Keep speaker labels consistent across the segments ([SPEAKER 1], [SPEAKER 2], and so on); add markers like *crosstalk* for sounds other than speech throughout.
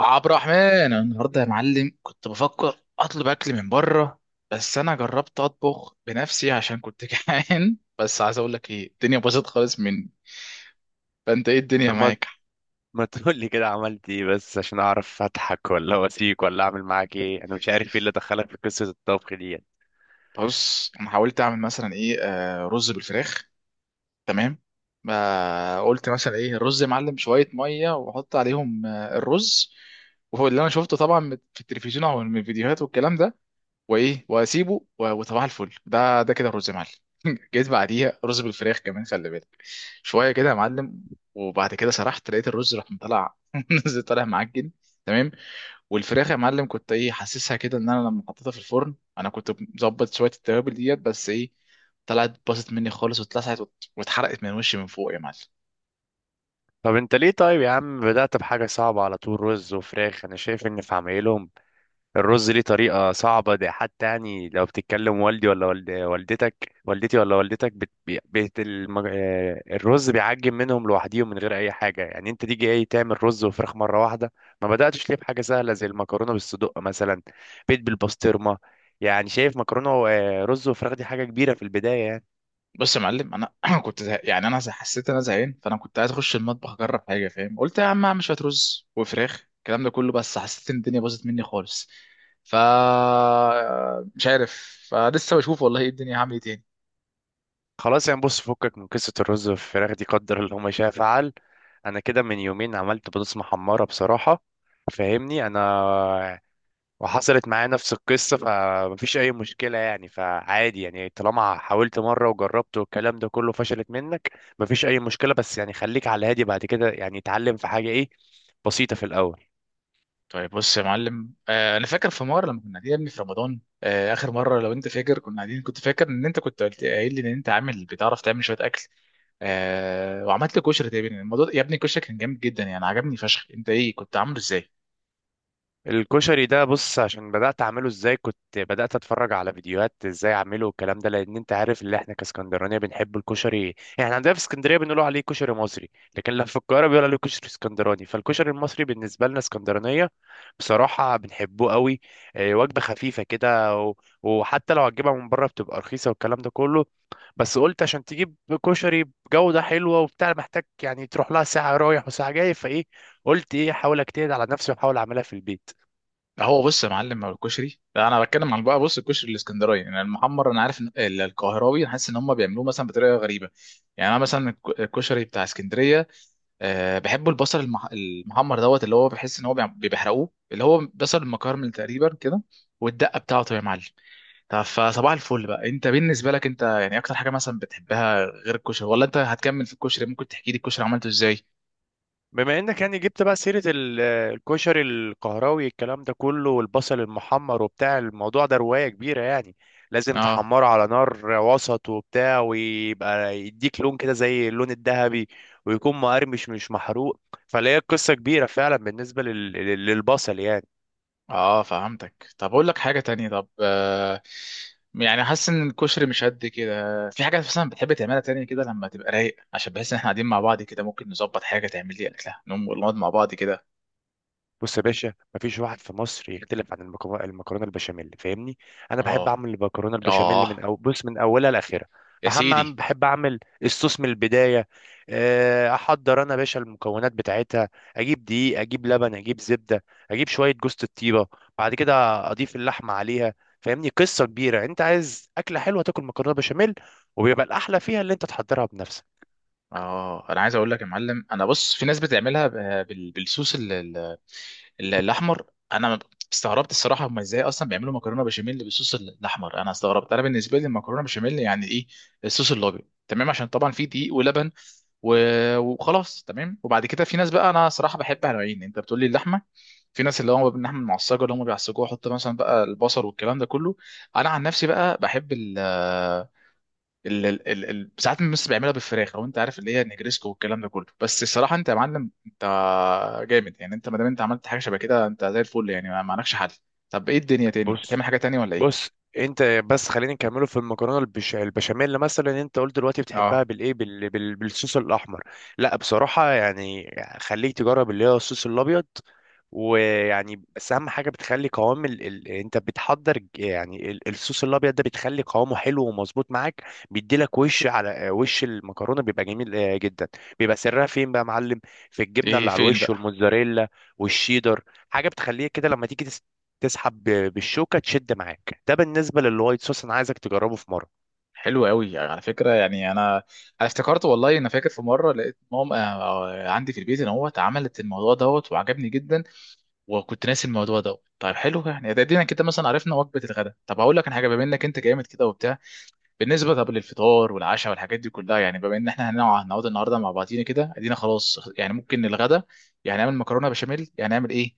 [SPEAKER 1] عبد الرحمن، أنا النهارده يا معلم كنت بفكر اطلب اكل من بره. بس انا جربت اطبخ بنفسي عشان كنت *laughs* جعان. بس عايز اقول لك ايه، الدنيا باظت خالص مني. فانت ايه الدنيا
[SPEAKER 2] طب ما
[SPEAKER 1] معاك؟
[SPEAKER 2] ما تقول لي كده عملت ايه؟ بس عشان اعرف اضحك ولا واسيك ولا اعمل معاك ايه. انا مش عارف ايه اللي دخلك في قصة الطبخ دي.
[SPEAKER 1] بص، انا حاولت اعمل مثلا ايه رز بالفراخ. تمام. ما قلت مثلا ايه الرز يا معلم، شويه ميه واحط عليهم الرز. وهو اللي انا شفته طبعا في التلفزيون او من الفيديوهات والكلام ده. وايه، واسيبه وصباح الفل، ده كده رز معلم. *laughs* جيت بعديها رز بالفراخ كمان، خلي بالك شويه كده يا معلم. وبعد كده سرحت لقيت الرز راح مطلع *laughs* نزل طالع معجن. تمام. والفراخ يا معلم كنت ايه حاسسها كده ان انا لما حطيتها في الفرن انا كنت مظبط شويه التوابل ديت، بس ايه طلعت باظت مني خالص واتلسعت واتحرقت من وشي من فوق يا معلم.
[SPEAKER 2] طب انت ليه طيب يا عم بدأت بحاجة صعبة على طول؟ رز وفراخ، انا شايف ان في عمايلهم الرز ليه طريقة صعبة. ده حتى يعني لو بتتكلم والدي ولا والدتك، والدتي ولا والدتك بت... بي- بيت المج... آه، الرز بيعجن منهم لوحديهم من غير أي حاجة. يعني أنت تيجي إيه تعمل رز وفراخ مرة واحدة؟ ما بدأتش ليه بحاجة سهلة زي المكرونة بالصدق مثلا، بيت بالبسطرمة. يعني شايف مكرونة ورز وفراخ دي حاجة كبيرة في البداية يعني.
[SPEAKER 1] بص يا معلم انا *clears throat* كنت زه... يعني انا زه- حسيت إن انا زهقان، فانا كنت عايز اخش المطبخ اجرب حاجه، فاهم؟ قلت يا عم اعمل شويه رز وفراخ الكلام ده كله، بس حسيت ان الدنيا باظت مني خالص. ف آه، مش عارف. فلسه بشوف والله ايه الدنيا، هعمل ايه تاني.
[SPEAKER 2] خلاص، يعني بص فكك من قصة الرز والفراخ دي، قدر اللي هما شاء فعل. أنا كده من يومين عملت بطاطس محمرة بصراحة، فاهمني انا، وحصلت معايا نفس القصة، فمفيش أي مشكلة يعني. فعادي يعني، طالما حاولت مرة وجربت والكلام ده كله، فشلت منك مفيش أي مشكلة. بس يعني خليك على هادي بعد كده، يعني اتعلم في حاجة إيه بسيطة في الأول.
[SPEAKER 1] طيب، بص يا معلم، انا فاكر في مره لما كنا قاعدين يا ابني في رمضان، اخر مره، لو انت فاكر كنا قاعدين، كنت فاكر ان انت كنت قلت قايل لي ان انت عامل بتعرف تعمل شويه اكل. وعملت لي كشري تقريبا. الموضوع يا ابني الكشري كان جامد جدا يعني، عجبني فشخ، انت ايه كنت عامله ازاي؟
[SPEAKER 2] الكشري ده بص عشان بدأت أعمله إزاي، كنت بدأت أتفرج على فيديوهات إزاي أعمله والكلام ده، لأن أنت عارف اللي إحنا كاسكندرانية بنحب الكشري. يعني عندنا في اسكندرية بنقولوا عليه كشري مصري، لكن لما في القاهرة بيقولوا عليه كشري اسكندراني. فالكشري المصري بالنسبة لنا اسكندرانية بصراحة بنحبه قوي. إيه، وجبة خفيفة كده وحتى لو هتجيبها من بره بتبقى رخيصة والكلام ده كله. بس قلت عشان تجيب كشري بجودة حلوة وبتاع، محتاج يعني تروح لها ساعة رايح وساعة جاي، فإيه قلت إيه أحاول أجتهد على نفسي وأحاول أعملها في البيت.
[SPEAKER 1] هو بص يا معلم، هو الكشري، انا بتكلم عن بقى بص الكشري الاسكندراني يعني المحمر، انا عارف ان القاهراوي أنا حاسس ان هم بيعملوه مثلا بطريقه غريبه. يعني انا مثلا الكشري بتاع اسكندريه، بحب البصل المحمر دوت، اللي هو بحس ان هو بيحرقوه، اللي هو بصل المكرمل تقريبا كده، والدقه بتاعته يا معلم. طب فصباح الفل بقى، انت بالنسبه لك انت يعني اكتر حاجه مثلا بتحبها غير الكشري؟ ولا انت هتكمل في الكشري، ممكن تحكي لي الكشري عملته ازاي؟
[SPEAKER 2] بما انك يعني جبت بقى سيرة الكشري القهراوي الكلام ده كله والبصل المحمر وبتاع، الموضوع ده رواية كبيرة يعني. لازم
[SPEAKER 1] اه.
[SPEAKER 2] تحمره على نار وسط وبتاع ويبقى يديك لون كده زي اللون الذهبي، ويكون مقرمش مش محروق. فلا هي قصة كبيرة فعلا بالنسبة للبصل يعني.
[SPEAKER 1] اه، فهمتك. طب اقول لك حاجه تانية، طب يعني حاسس ان الكشري مش قد كده، في حاجه مثلا بتحب تعملها تانية كده لما تبقى رايق؟ عشان بحس ان احنا قاعدين مع بعض كده ممكن نظبط حاجه تعمل لي اكلها نقوم نقعد مع بعض كده.
[SPEAKER 2] بص يا باشا، مفيش واحد في مصر يختلف عن المكرونه البشاميل فاهمني. انا بحب
[SPEAKER 1] اه.
[SPEAKER 2] اعمل المكرونه البشاميل من
[SPEAKER 1] اه.
[SPEAKER 2] أو بص من اولها لاخرها.
[SPEAKER 1] يا
[SPEAKER 2] بحب اعمل
[SPEAKER 1] سيدي.
[SPEAKER 2] بحب اعمل الصوص من البدايه. احضر انا يا باشا المكونات بتاعتها. اجيب دقيق، اجيب لبن، اجيب زبده، اجيب شويه جوز الطيبه. بعد كده اضيف اللحمه عليها. فاهمني، قصه كبيره. انت عايز اكله حلوه، تاكل مكرونه بشاميل. وبيبقى الاحلى فيها اللي انت تحضرها بنفسك.
[SPEAKER 1] اه، انا عايز اقول لك يا معلم، انا بص، في ناس بتعملها بالصوص الاحمر. انا استغربت الصراحه، هم ازاي اصلا بيعملوا مكرونه بشاميل بالصوص الاحمر. انا استغربت. انا بالنسبه لي المكرونه بشاميل يعني ايه؟ الصوص الابيض. تمام، عشان طبعا في دقيق ولبن وخلاص تمام. وبعد كده في ناس بقى، انا صراحه بحب نوعين. انت بتقول لي اللحمه، في ناس اللي هو باللحمه المعصجه اللي هم بيعصجوها، يحط مثلا بقى البصل والكلام ده كله. انا عن نفسي بقى بحب، ساعات الناس بيعملها بالفراخ، لو انت عارف اللي هي النجريسكو والكلام ده كله. بس الصراحه انت يا معلم، انت جامد يعني، انت ما دام انت عملت حاجه شبه كده انت زي الفل يعني، ما عندكش حل. طب ايه الدنيا تاني، بتعمل
[SPEAKER 2] بص
[SPEAKER 1] حاجه تانية ولا ايه؟
[SPEAKER 2] بص انت بس خلينا نكمله في المكرونه البشاميل. مثلا انت قلت دلوقتي
[SPEAKER 1] اه.
[SPEAKER 2] بتحبها بالايه بالصوص الاحمر. لا بصراحه يعني خليك تجرب اللي هو الصوص الابيض. ويعني بس اهم حاجه بتخلي قوام انت بتحضر يعني الصوص الابيض ده، بتخلي قوامه حلو ومظبوط معاك. بيديلك وش على وش المكرونه، بيبقى جميل جدا. بيبقى سرها فين بقى يا معلم؟ في الجبنه
[SPEAKER 1] ايه
[SPEAKER 2] اللي على
[SPEAKER 1] فين
[SPEAKER 2] الوش،
[SPEAKER 1] بقى؟
[SPEAKER 2] والموتزاريلا والشيدر. حاجه بتخليك كده لما تيجي تسحب بالشوكه تشد معاك. ده بالنسبه للوايت صوص، انا عايزك تجربه في مره.
[SPEAKER 1] حلو قوي على فكره. يعني انا افتكرت والله. انا فاكر في مره لقيت ماما عندي في البيت ان هو اتعملت الموضوع دوت وعجبني جدا، وكنت ناسي الموضوع دوت. طيب حلو، يعني ده ادينا كده مثلا عرفنا وجبه الغداء. طب هقول لك على حاجه، بما انك انت جامد كده وبتاع، بالنسبه طب للفطار والعشاء والحاجات دي كلها، يعني بما ان احنا هنقعد النهارده مع بعضينا كده ادينا خلاص يعني، ممكن الغداء يعني نعمل مكرونه بشاميل، يعني نعمل ايه،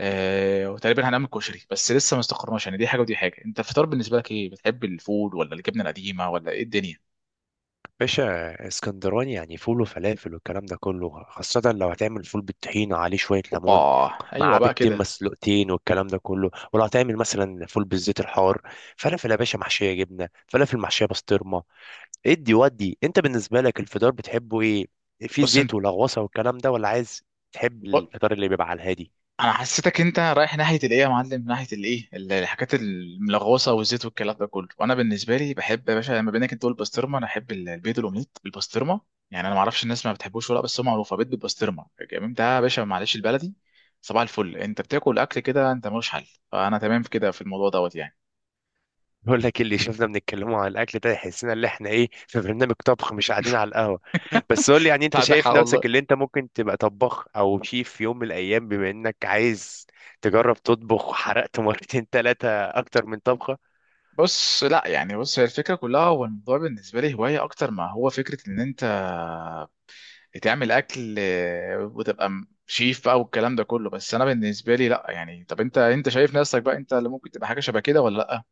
[SPEAKER 1] وتقريبا هنعمل كشري، بس لسه ما استقرناش يعني، دي حاجه ودي حاجه. انت الفطار بالنسبه لك ايه، بتحب الفول ولا الجبنه القديمه ولا ايه الدنيا؟
[SPEAKER 2] باشا، اسكندراني يعني فول وفلافل والكلام ده كله، خاصه لو هتعمل فول بالطحينه عليه شويه
[SPEAKER 1] اوبا.
[SPEAKER 2] ليمون،
[SPEAKER 1] ايوه
[SPEAKER 2] معاه
[SPEAKER 1] بقى
[SPEAKER 2] بيضتين
[SPEAKER 1] كده.
[SPEAKER 2] مسلوقتين والكلام ده كله. ولو هتعمل مثلا فول بالزيت الحار، فلافل يا باشا محشيه جبنه، فلافل محشيه بسطرمه. ادي ودي، انت بالنسبه لك الفطار بتحبه ايه؟ في
[SPEAKER 1] بص،
[SPEAKER 2] زيت ولغوصه والكلام ده، ولا عايز تحب
[SPEAKER 1] ب-
[SPEAKER 2] الفطار اللي بيبقى على الهادي؟
[SPEAKER 1] انا حسيتك انت رايح ناحيه الايه يا معلم، ناحيه الايه الحاجات الملغوصه والزيت والكلام ده كله، وانا بالنسبه لي بحب يا باشا، لما بينك انت تقول بسطرمه، انا احب البيض الاومليت بالبسطرمه. يعني انا ما اعرفش الناس ما بتحبوش ولا، بس هو معروفه بيض بالبسطرمه جميل ده يا باشا، معلش البلدي. صباح الفل، انت بتاكل اكل كده انت ملوش حل. فانا تمام في كده، في الموضوع دوت يعني.
[SPEAKER 2] بقول لك اللي شفنا بنتكلموا عن الاكل ده، يحسنا ان احنا ايه في برنامج طبخ مش قاعدين على القهوه. بس قول لي يعني،
[SPEAKER 1] انت
[SPEAKER 2] انت
[SPEAKER 1] عندك حق
[SPEAKER 2] شايف نفسك
[SPEAKER 1] والله.
[SPEAKER 2] اللي انت ممكن تبقى طباخ او شيف في يوم من الايام بما انك عايز تجرب تطبخ، وحرقت مرتين ثلاثه اكتر من طبخه؟
[SPEAKER 1] بص لا يعني، بص هي الفكره كلها هو الموضوع بالنسبه لي هوايه اكتر ما هو فكره ان انت تعمل اكل، وتبقى شيف بقى والكلام ده كله. بس انا بالنسبه لي لا يعني. طب انت شايف نفسك بقى انت اللي ممكن تبقى حاجه شبه كده ولا لا؟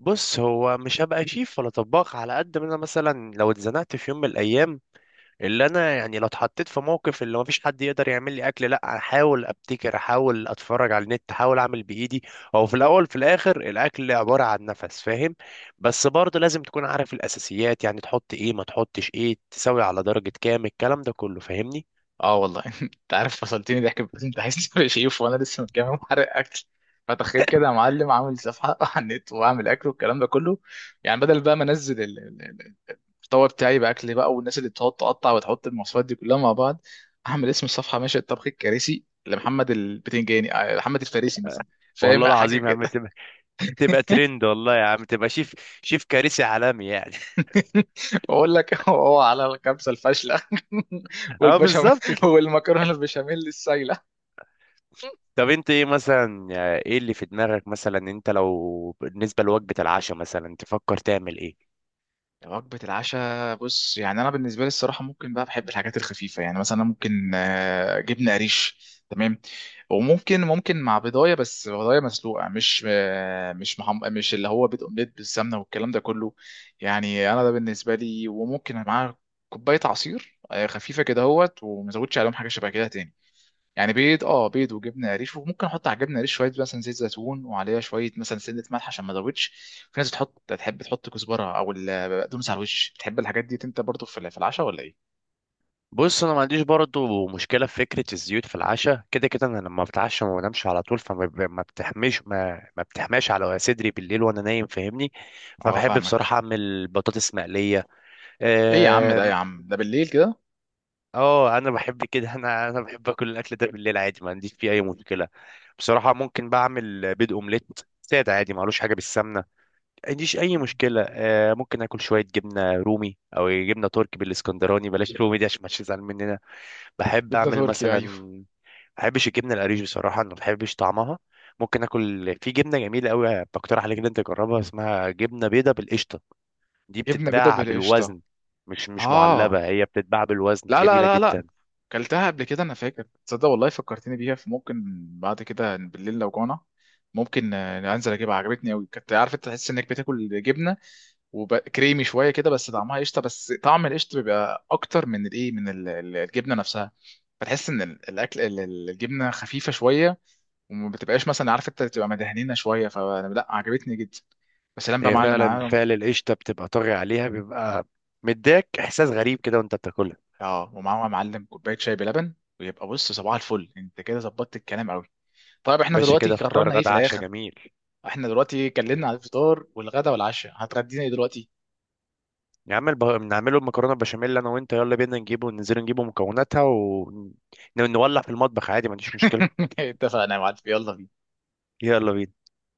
[SPEAKER 2] بص، هو مش هبقى شيف ولا طباخ، على قد ما انا مثلا لو اتزنقت في يوم من الايام، اللي انا يعني لو اتحطيت في موقف اللي مفيش حد يقدر يعمل لي اكل، لا احاول ابتكر، احاول اتفرج على النت، احاول اعمل بايدي. هو في الاول في الاخر الاكل عباره عن نفس فاهم. بس برضه لازم تكون عارف الاساسيات يعني، تحط ايه ما تحطش ايه، تسوي على درجه كام، الكلام ده كله فاهمني.
[SPEAKER 1] اه والله. *laughs* انت عارف فصلتني ضحك، بس انت عايز تبقى شيف وانا لسه متجمع محرق *laughs* اكل. فتخيل كده يا معلم، عامل صفحه *laughs* على النت واعمل اكل والكلام ده كله، يعني بدل بقى ما انزل الطبق بتاعي باكل بقى، والناس اللي بتقعد تقطع وتحط المواصفات دي كلها مع بعض. اعمل اسم الصفحه ماشي، الطبخ الكارثي لمحمد البتنجاني، محمد الفارسي مثلا. فاهم
[SPEAKER 2] والله
[SPEAKER 1] حاجه
[SPEAKER 2] العظيم يا عم
[SPEAKER 1] كده.
[SPEAKER 2] تبقى
[SPEAKER 1] *laughs*
[SPEAKER 2] ترند والله يا عم. تبقى شيف. شيف كارثي عالمي يعني.
[SPEAKER 1] *laughs* بقول لك هو على الكبسة الفاشلة *laughs*
[SPEAKER 2] *laughs* اه
[SPEAKER 1] والبشاميل،
[SPEAKER 2] بالظبط كده.
[SPEAKER 1] والمكرونة البشاميل السايلة.
[SPEAKER 2] طب انت ايه مثلا، ايه اللي في دماغك مثلا انت لو بالنسبه لوجبه العشاء مثلا تفكر تعمل ايه؟
[SPEAKER 1] وجبة العشاء، بص يعني أنا بالنسبة لي الصراحة ممكن بقى، بحب الحاجات الخفيفة يعني، مثلا ممكن جبنة قريش. تمام، وممكن مع بيضاية، بس بيضاية مسلوقة مش مش مش اللي هو بيض أومليت بالسمنة والكلام ده كله. يعني أنا ده بالنسبة لي، وممكن معاه كوباية عصير خفيفة كده، هوت، ومزودش عليهم حاجة شبه كده تاني. يعني بيض، بيض وجبنه قريش، وممكن احط على الجبنه قريش شويه مثلا زيت زيتون، وعليها شويه مثلا سنه ملح عشان ما تزودش. في ناس تحب تحط كزبره او البقدونس على الوش، بتحب الحاجات دي انت برضو في في العشاء ولا ايه؟
[SPEAKER 2] بص انا ما عنديش برضه مشكله في فكره الزيوت في العشاء. كده كده انا لما بتعشى ما بنامش على طول، فما ما بتحمش، ما بتحماش على صدري بالليل وانا نايم فاهمني.
[SPEAKER 1] اه،
[SPEAKER 2] فبحب بصراحه
[SPEAKER 1] فاهمك.
[SPEAKER 2] اعمل بطاطس مقليه.
[SPEAKER 1] ايه يا عم ده، يا
[SPEAKER 2] آم،
[SPEAKER 1] عم ده بالليل كده.
[SPEAKER 2] اه انا بحب كده. *laughs* انا بحب اكل الاكل ده بالليل عادي، ما عنديش فيه اي مشكله. بصراحه ممكن بعمل بيض اومليت ساده عادي، معلوش حاجه بالسمنه ما عنديش اي مشكله. ممكن اكل شويه جبنه رومي او جبنه تركي بالاسكندراني، بلاش رومي دي عشان ما تزعل مننا. بحب
[SPEAKER 1] جبنه
[SPEAKER 2] اعمل
[SPEAKER 1] تركي
[SPEAKER 2] مثلا
[SPEAKER 1] ايوه.
[SPEAKER 2] ما بحبش الجبنه القريش بصراحه، انا ما بحبش طعمها. ممكن اكل في جبنه جميله قوي، بقترح عليك ان انت تجربها، اسمها جبنه بيضه بالقشطه. دي
[SPEAKER 1] جبنه بيضه
[SPEAKER 2] بتتباع
[SPEAKER 1] بالقشطه.
[SPEAKER 2] بالوزن، مش معلبه،
[SPEAKER 1] اه.
[SPEAKER 2] هي بتتباع بالوزن
[SPEAKER 1] لا لا
[SPEAKER 2] جميله
[SPEAKER 1] لا لا.
[SPEAKER 2] جدا.
[SPEAKER 1] كلتها قبل كده انا فاكر، تصدق والله فكرتني بيها، فممكن بعد كده بالليل لو جوعنا ممكن انزل اجيبها. عجبتني قوي، كنت عارف، انت تحس انك بتاكل جبنه وكريمي شويه كده، بس طعمها قشطه، بس طعم القشطه بيبقى اكتر من الايه، من الجبنه نفسها. بتحس ان الاكل الجبنه خفيفه شويه، وما بتبقاش مثلا عارف، انت بتبقى مدهنينه شويه، فلا عجبتني جدا بس لما بقى
[SPEAKER 2] هي
[SPEAKER 1] معلم
[SPEAKER 2] فعلا
[SPEAKER 1] معاهم.
[SPEAKER 2] فعل القشطه بتبقى طاغي عليها، بيبقى مديك احساس غريب كده وانت بتاكلها.
[SPEAKER 1] اه، ومعاهم يا معلم كوبايه شاي بلبن، ويبقى بص صباح الفل، انت كده ظبطت الكلام قوي. طيب احنا
[SPEAKER 2] باشا
[SPEAKER 1] دلوقتي
[SPEAKER 2] كده
[SPEAKER 1] قررنا
[SPEAKER 2] فطار
[SPEAKER 1] ايه في
[SPEAKER 2] غدا عشاء
[SPEAKER 1] الاخر؟
[SPEAKER 2] جميل.
[SPEAKER 1] احنا دلوقتي اتكلمنا على الفطار والغدا والعشاء، هتغدينا ايه دلوقتي؟
[SPEAKER 2] يا عم نعمله المكرونه بشاميل انا وانت، يلا بينا نجيبه، وننزل نجيبه مكوناتها ونولع في المطبخ عادي ما عنديش مشكله.
[SPEAKER 1] *laughs* اتفقنا يا معلم، يلا بينا.
[SPEAKER 2] يلا بينا.